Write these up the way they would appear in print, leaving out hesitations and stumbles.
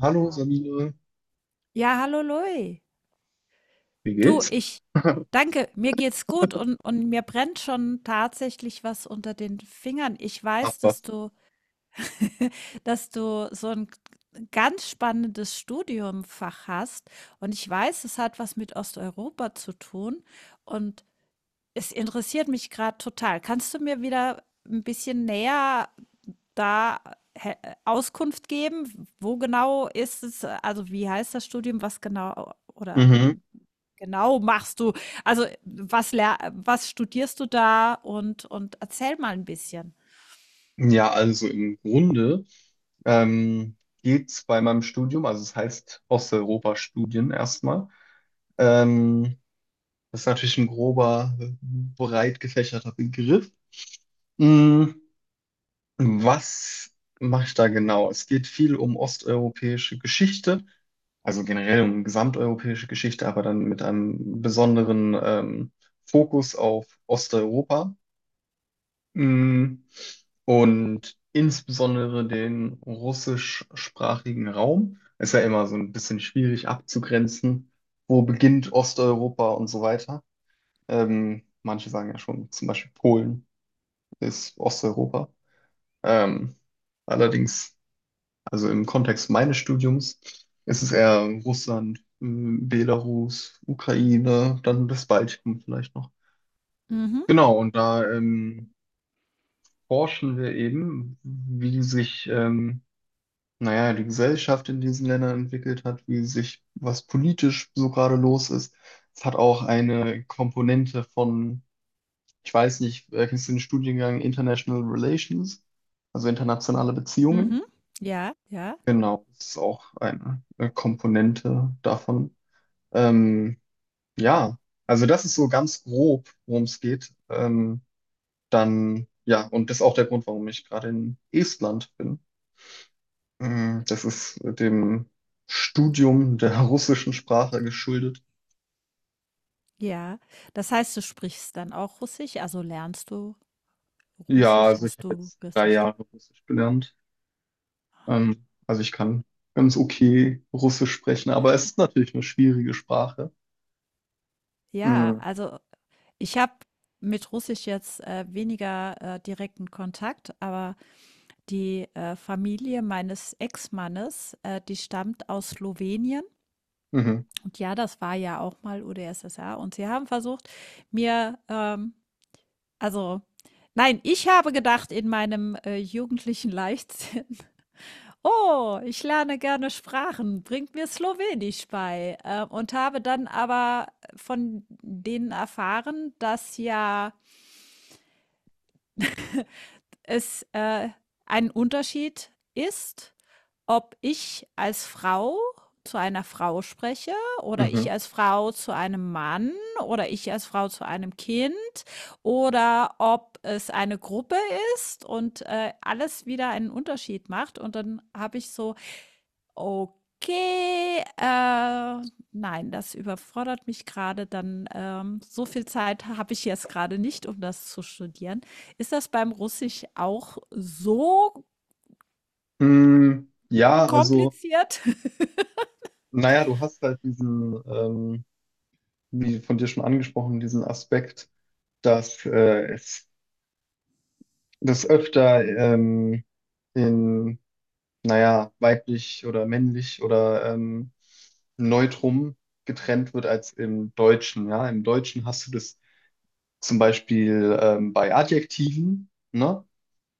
Hallo Sabine, Ja, hallo Louis. wie Du, geht's? ich danke, mir geht's gut und mir brennt schon tatsächlich was unter den Fingern. Ich Ach weiß, was. Dass du so ein ganz spannendes Studiumfach hast und ich weiß, es hat was mit Osteuropa zu tun und es interessiert mich gerade total. Kannst du mir wieder ein bisschen näher da he- Auskunft geben? Wo genau ist es, also wie heißt das Studium, was genau oder? Mhm. Genau, machst du. Also, was studierst du da und erzähl mal ein bisschen. Ja, also im Grunde ähm, geht's bei meinem Studium, also es heißt Osteuropa-Studien erstmal. Ähm, Das ist natürlich ein grober, breit gefächerter Begriff. Mhm. Was mache ich da genau? Es geht viel um osteuropäische Geschichte, also generell um gesamteuropäische Geschichte, aber dann mit einem besonderen Fokus auf Osteuropa. Mm. Und insbesondere den russischsprachigen Raum ist ja immer so ein bisschen schwierig abzugrenzen. Wo beginnt Osteuropa und so weiter? Manche sagen ja schon, zum Beispiel Polen ist Osteuropa. Ähm, allerdings, also im Kontext meines Studiums, ist es eher Russland, Belarus, Ukraine, dann das Baltikum vielleicht noch. Mhm, Genau, und da forschen wir eben, wie sich, naja, die Gesellschaft in diesen Ländern entwickelt hat, wie sich, was politisch so gerade los ist. Es hat auch eine Komponente von, ich weiß nicht, kennst du den Studiengang International Relations, also internationale Beziehungen? mhm. Ja, ja, Genau, das ist auch eine Komponente davon. Ähm, ja, also das ist so ganz grob, worum es geht. Dann, ja, und das ist auch der Grund, warum ich gerade in Estland bin. Mm. Das ist dem Studium der russischen Sprache geschuldet. ja. Das heißt, du sprichst dann auch Russisch? Also, lernst du Ja, Russisch? also ich Hast habe du jetzt drei Russisch? Jahre Russisch gelernt. Also ich kann ganz okay Russisch sprechen, aber es ist natürlich eine schwierige Sprache. Ja, Mm. also, ich habe mit Russisch jetzt, weniger, direkten Kontakt, aber die, Familie meines Ex-Mannes, die stammt aus Slowenien. Mhm, Und ja, das war ja auch mal UdSSR. Und sie haben versucht, mir, ähm also, nein, ich habe gedacht in meinem, jugendlichen Leichtsinn: „Oh, ich lerne gerne Sprachen, bringt mir Slowenisch bei.“ Und habe dann aber von denen erfahren, dass ja es ein Unterschied ist, ob ich als Frau zu einer Frau spreche oder ich mhm. als Frau zu einem Mann oder ich als Frau zu einem Kind oder ob es eine Gruppe ist und alles wieder einen Unterschied macht. Und dann habe ich so okay, nein, das überfordert mich gerade. Dann, so viel Zeit habe ich jetzt gerade nicht, um das zu studieren. Ist das beim Russisch auch so Mm. Ja, also, kompliziert? naja, du hast halt diesen, wie von dir schon angesprochen, diesen Aspekt, dass es das öfter in weiblich oder männlich oder Neutrum getrennt wird als im Deutschen. Ja, im Deutschen hast du das zum Beispiel bei Adjektiven, ne?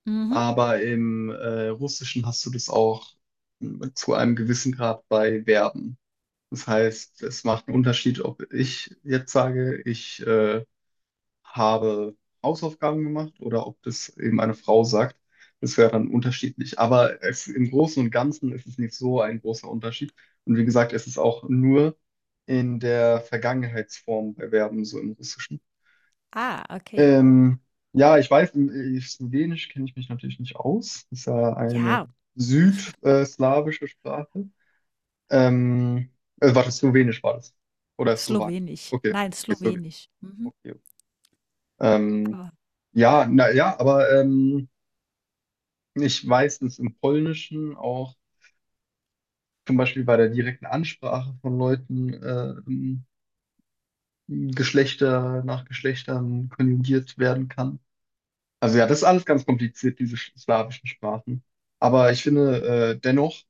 Mhm. Aber im Russischen hast du das auch zu einem gewissen Grad bei Verben. Das heißt, es macht einen Unterschied, ob ich jetzt sage, ich habe Hausaufgaben gemacht oder ob das eben eine Frau sagt. Das wäre dann unterschiedlich. Aber es, im Großen und Ganzen ist es nicht so ein großer Unterschied. Und wie gesagt, es ist auch nur in der Vergangenheitsform bei Verben, so im Russischen. Ah, okay. Ähm, ja, ich weiß, im Slowenisch kenne ich mich natürlich nicht aus. Das ist ja eine Ja, südslawische Sprache. Ähm, Warte, Slowenisch war das. Oder Slowak. Slowenisch. Okay, Nein, okay, Slowenisch. Slowenisch. Mhm. Okay, okay. Ähm, Ja, na ja, aber ich weiß, dass im Polnischen auch zum Beispiel bei der direkten Ansprache von Leuten Geschlechter nach Geschlechtern konjugiert werden kann. Also ja, das ist alles ganz kompliziert, diese slawischen Sprachen. Aber ich finde, dennoch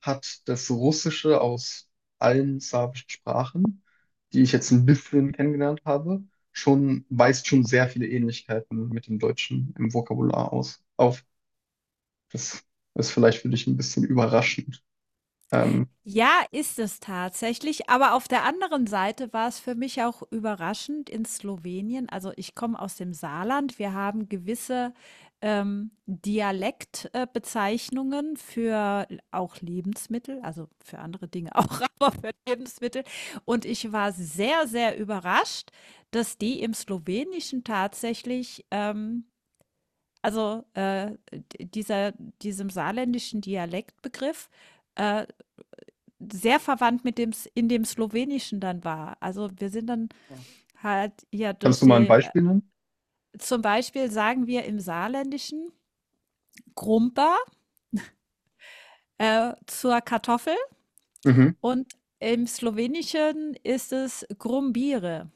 hat das Russische aus allen slawischen Sprachen, die ich jetzt ein bisschen kennengelernt habe, schon, weist schon sehr viele Ähnlichkeiten mit dem Deutschen im Vokabular aus, auf. Das ist vielleicht für dich ein bisschen überraschend. Ähm, Ja, ist es tatsächlich, aber auf der anderen Seite war es für mich auch überraschend in Slowenien. Also, ich komme aus dem Saarland. Wir haben gewisse, Dialekt Bezeichnungen für l auch Lebensmittel, also, für andere Dinge auch, aber für Lebensmittel. Und ich war sehr, sehr überrascht, dass die im Slowenischen tatsächlich, also, d dieser diesem saarländischen Dialektbegriff, äh, sehr verwandt mit dem S in dem Slowenischen dann war. Also, wir sind dann halt ja Kannst durch du die mal ein Beispiel nennen? zum Beispiel sagen wir im Saarländischen „Grumpa“, zur Kartoffel Mhm, und im Slowenischen ist es „Grumbire“,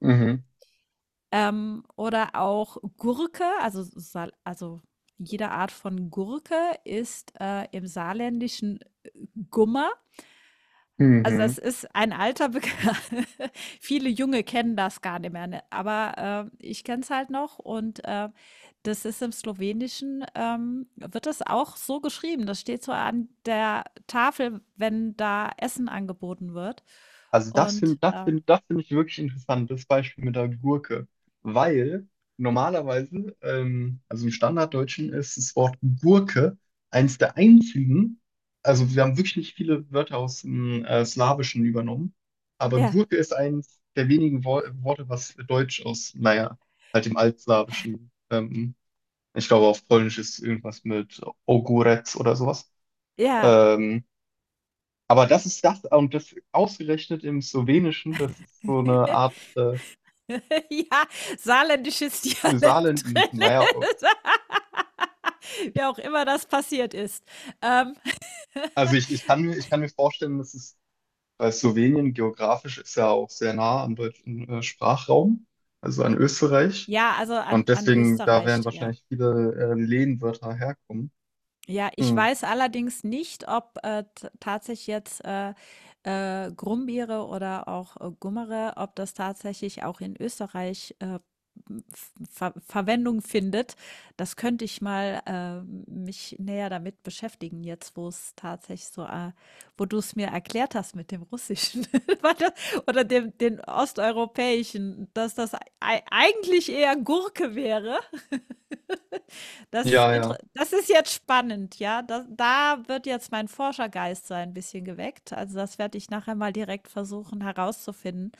mhm, oder auch Gurke, also jede Art von Gurke ist, im Saarländischen Gummer. Also, mhm. das ist ein alter Bekan. Viele Junge kennen das gar nicht mehr, ne? Aber, ich kenne es halt noch und, das ist im Slowenischen, wird das auch so geschrieben. Das steht so an der Tafel, wenn da Essen angeboten wird. Und, Das find ich wirklich interessant, das Beispiel mit der Gurke. Weil normalerweise, also im Standarddeutschen ist das Wort Gurke eins der einzigen, also wir haben wirklich nicht viele Wörter aus dem Slawischen übernommen, aber ja, Gurke ist eins der wenigen Wo Worte, was Deutsch aus, naja, halt dem Altslawischen ich glaube, auf Polnisch ist irgendwas mit Ogórek oder sowas. ja. Ähm, aber das ist das, und das ausgerechnet im Slowenischen, das ist so eine Art Ja, saarländisches eine Saarland, Dialekt drin naja, ist. Wie auch immer das passiert ist. Ähm, ich kann mir vorstellen, dass es, weil Slowenien geografisch ist ja auch sehr nah am deutschen Sprachraum, also an Österreich. ja, also Und an an deswegen, da werden Österreich, ja. wahrscheinlich viele Lehnwörter herkommen. Ja, ich Hm. weiß allerdings nicht, ob, t tatsächlich jetzt, Brombeere oder auch, Gummere, ob das tatsächlich auch in Österreich, m f Ver Verwendung findet. Das könnte ich mal, mich näher damit beschäftigen jetzt, wo es tatsächlich so, wo du es mir erklärt hast mit dem Russischen warte oder dem den Osteuropäischen, dass das ei eigentlich eher Gurke wäre. Ja, ja. Das ist jetzt spannend, ja. Da wird jetzt mein Forschergeist so ein bisschen geweckt. Also, das werde ich nachher mal direkt versuchen herauszufinden,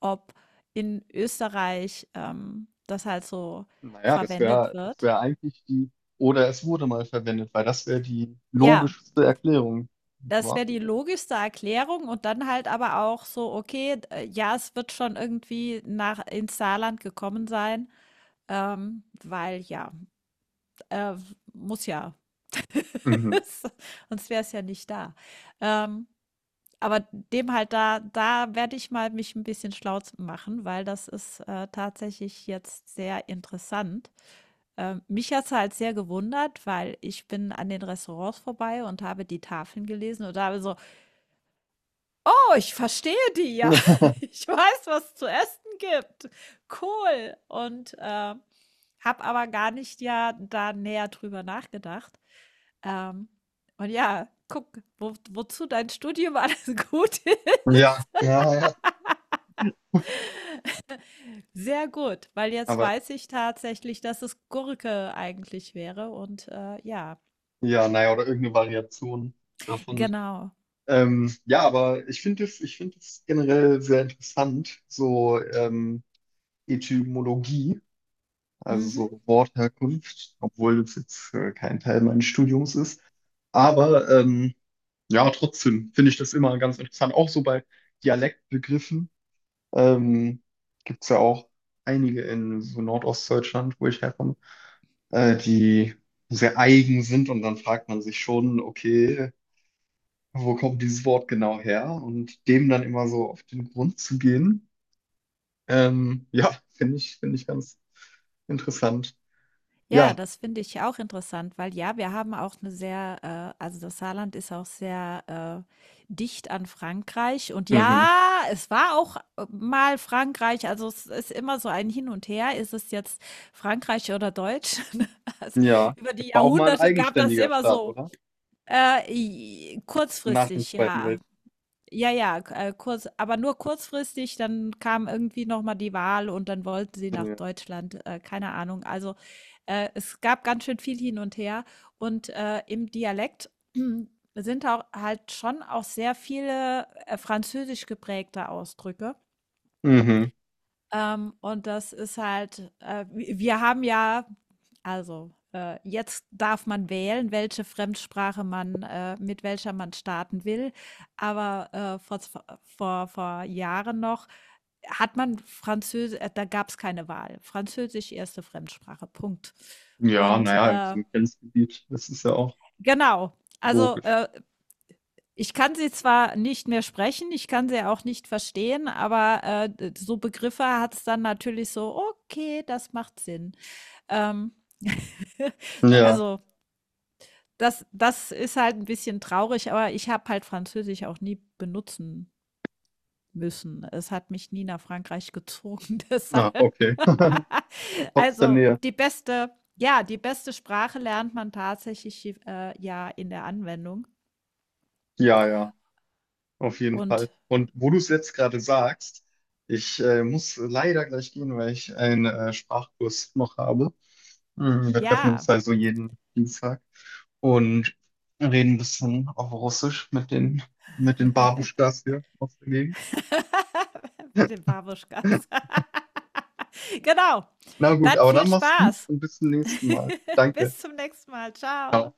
ob in Österreich, das halt so Naja, das verwendet wäre das wird. wär eigentlich die, oder es wurde mal verwendet, weil das wäre die Ja, logischste Erklärung. das Wa? wäre die logischste Erklärung und dann halt aber auch so, okay, d ja, es wird schon irgendwie nach ins Saarland gekommen sein, weil ja, äh, muss ja. Mhm. Sonst wäre es ja nicht da. Ähm, aber dem halt da da werde ich mal mich ein bisschen schlau z machen, weil das ist, tatsächlich jetzt sehr interessant. Mich hat es halt sehr gewundert, weil ich bin an den Restaurants vorbei und habe die Tafeln gelesen und habe so: „Oh, ich verstehe die ja. Ich weiß, was es zu essen gibt. Cool.“ Und, habe aber gar nicht ja da näher drüber nachgedacht. Ähm, und ja, guck, wo wozu dein Studium alles gut Ja, ist. ja, ja. Sehr gut, weil jetzt Aber weiß ich tatsächlich, dass es Gurke eigentlich wäre und, ja, ja, naja, oder irgendeine Variation davon. genau. Ja, aber ich finde es generell sehr interessant, so Etymologie, also Mhm. so Wortherkunft, obwohl das jetzt kein Teil meines Studiums ist. Aber ja, trotzdem finde ich das immer ganz interessant. Auch so bei Dialektbegriffen ähm, gibt es ja auch einige in so Nordostdeutschland, wo ich herkomme, die sehr eigen sind und dann fragt man sich schon, okay, wo kommt dieses Wort genau her? Und dem dann immer so auf den Grund zu gehen, ja, finde ich ganz interessant. Ja, Ja, das finde ich auch interessant, weil ja, wir haben auch eine sehr, also, das Saarland ist auch sehr, dicht an Frankreich und ja, mhm. es war auch, mal Frankreich, also, es ist immer so ein Hin und Her. Ist es jetzt Frankreich oder Deutsch? Also, Ja, über es die war auch mal ein Jahrhunderte gab das eigenständiger immer Staat, so, oder? I Nach dem kurzfristig, Zweiten ja. Ja, ja, k kurz, aber nur kurzfristig, dann kam irgendwie noch mal die Wahl und dann wollten sie nach Weltkrieg. Deutschland, keine Ahnung. Also, es gab ganz schön viel hin und her und, im Dialekt sind auch halt schon auch sehr viele, französisch geprägte Ausdrücke. Mhm. Und das ist halt wi wir haben ja also, jetzt darf man wählen, welche Fremdsprache man mit welcher man starten will. Aber, vor vor Jahren noch hat man Französisch. Da gab es keine Wahl. Französisch erste Fremdsprache, Punkt. Ja, Und, naja, in so einem Grenzgebiet, das ist ja auch genau, also, logisch. Ich kann sie zwar nicht mehr sprechen, ich kann sie auch nicht verstehen, aber, d so Begriffe hat es dann natürlich so: „Okay, das macht Sinn.“ Ähm, Ja, also, das ist halt ein bisschen traurig, aber ich habe halt Französisch auch nie benutzen müssen. Es hat mich nie nach Frankreich gezogen, deshalb. na, okay. Trotz der Also, Nähe. die beste ja, die beste Sprache lernt man tatsächlich, ja in der Anwendung Ja, ja, auf jeden und Fall. Und wo du es jetzt gerade sagst, ich muss leider gleich gehen, weil ich einen Sprachkurs noch habe. Mhm. Wir treffen uns ja. also jeden Dienstag und reden ein bisschen auf Russisch mit den Babuschkas hier aus der Gegend. Mit den Babuschkas. Genau. Na gut, Dann aber viel dann mach's gut Spaß. und bis zum nächsten Mal. Danke. Bis zum nächsten Mal. Ciao. Ciao.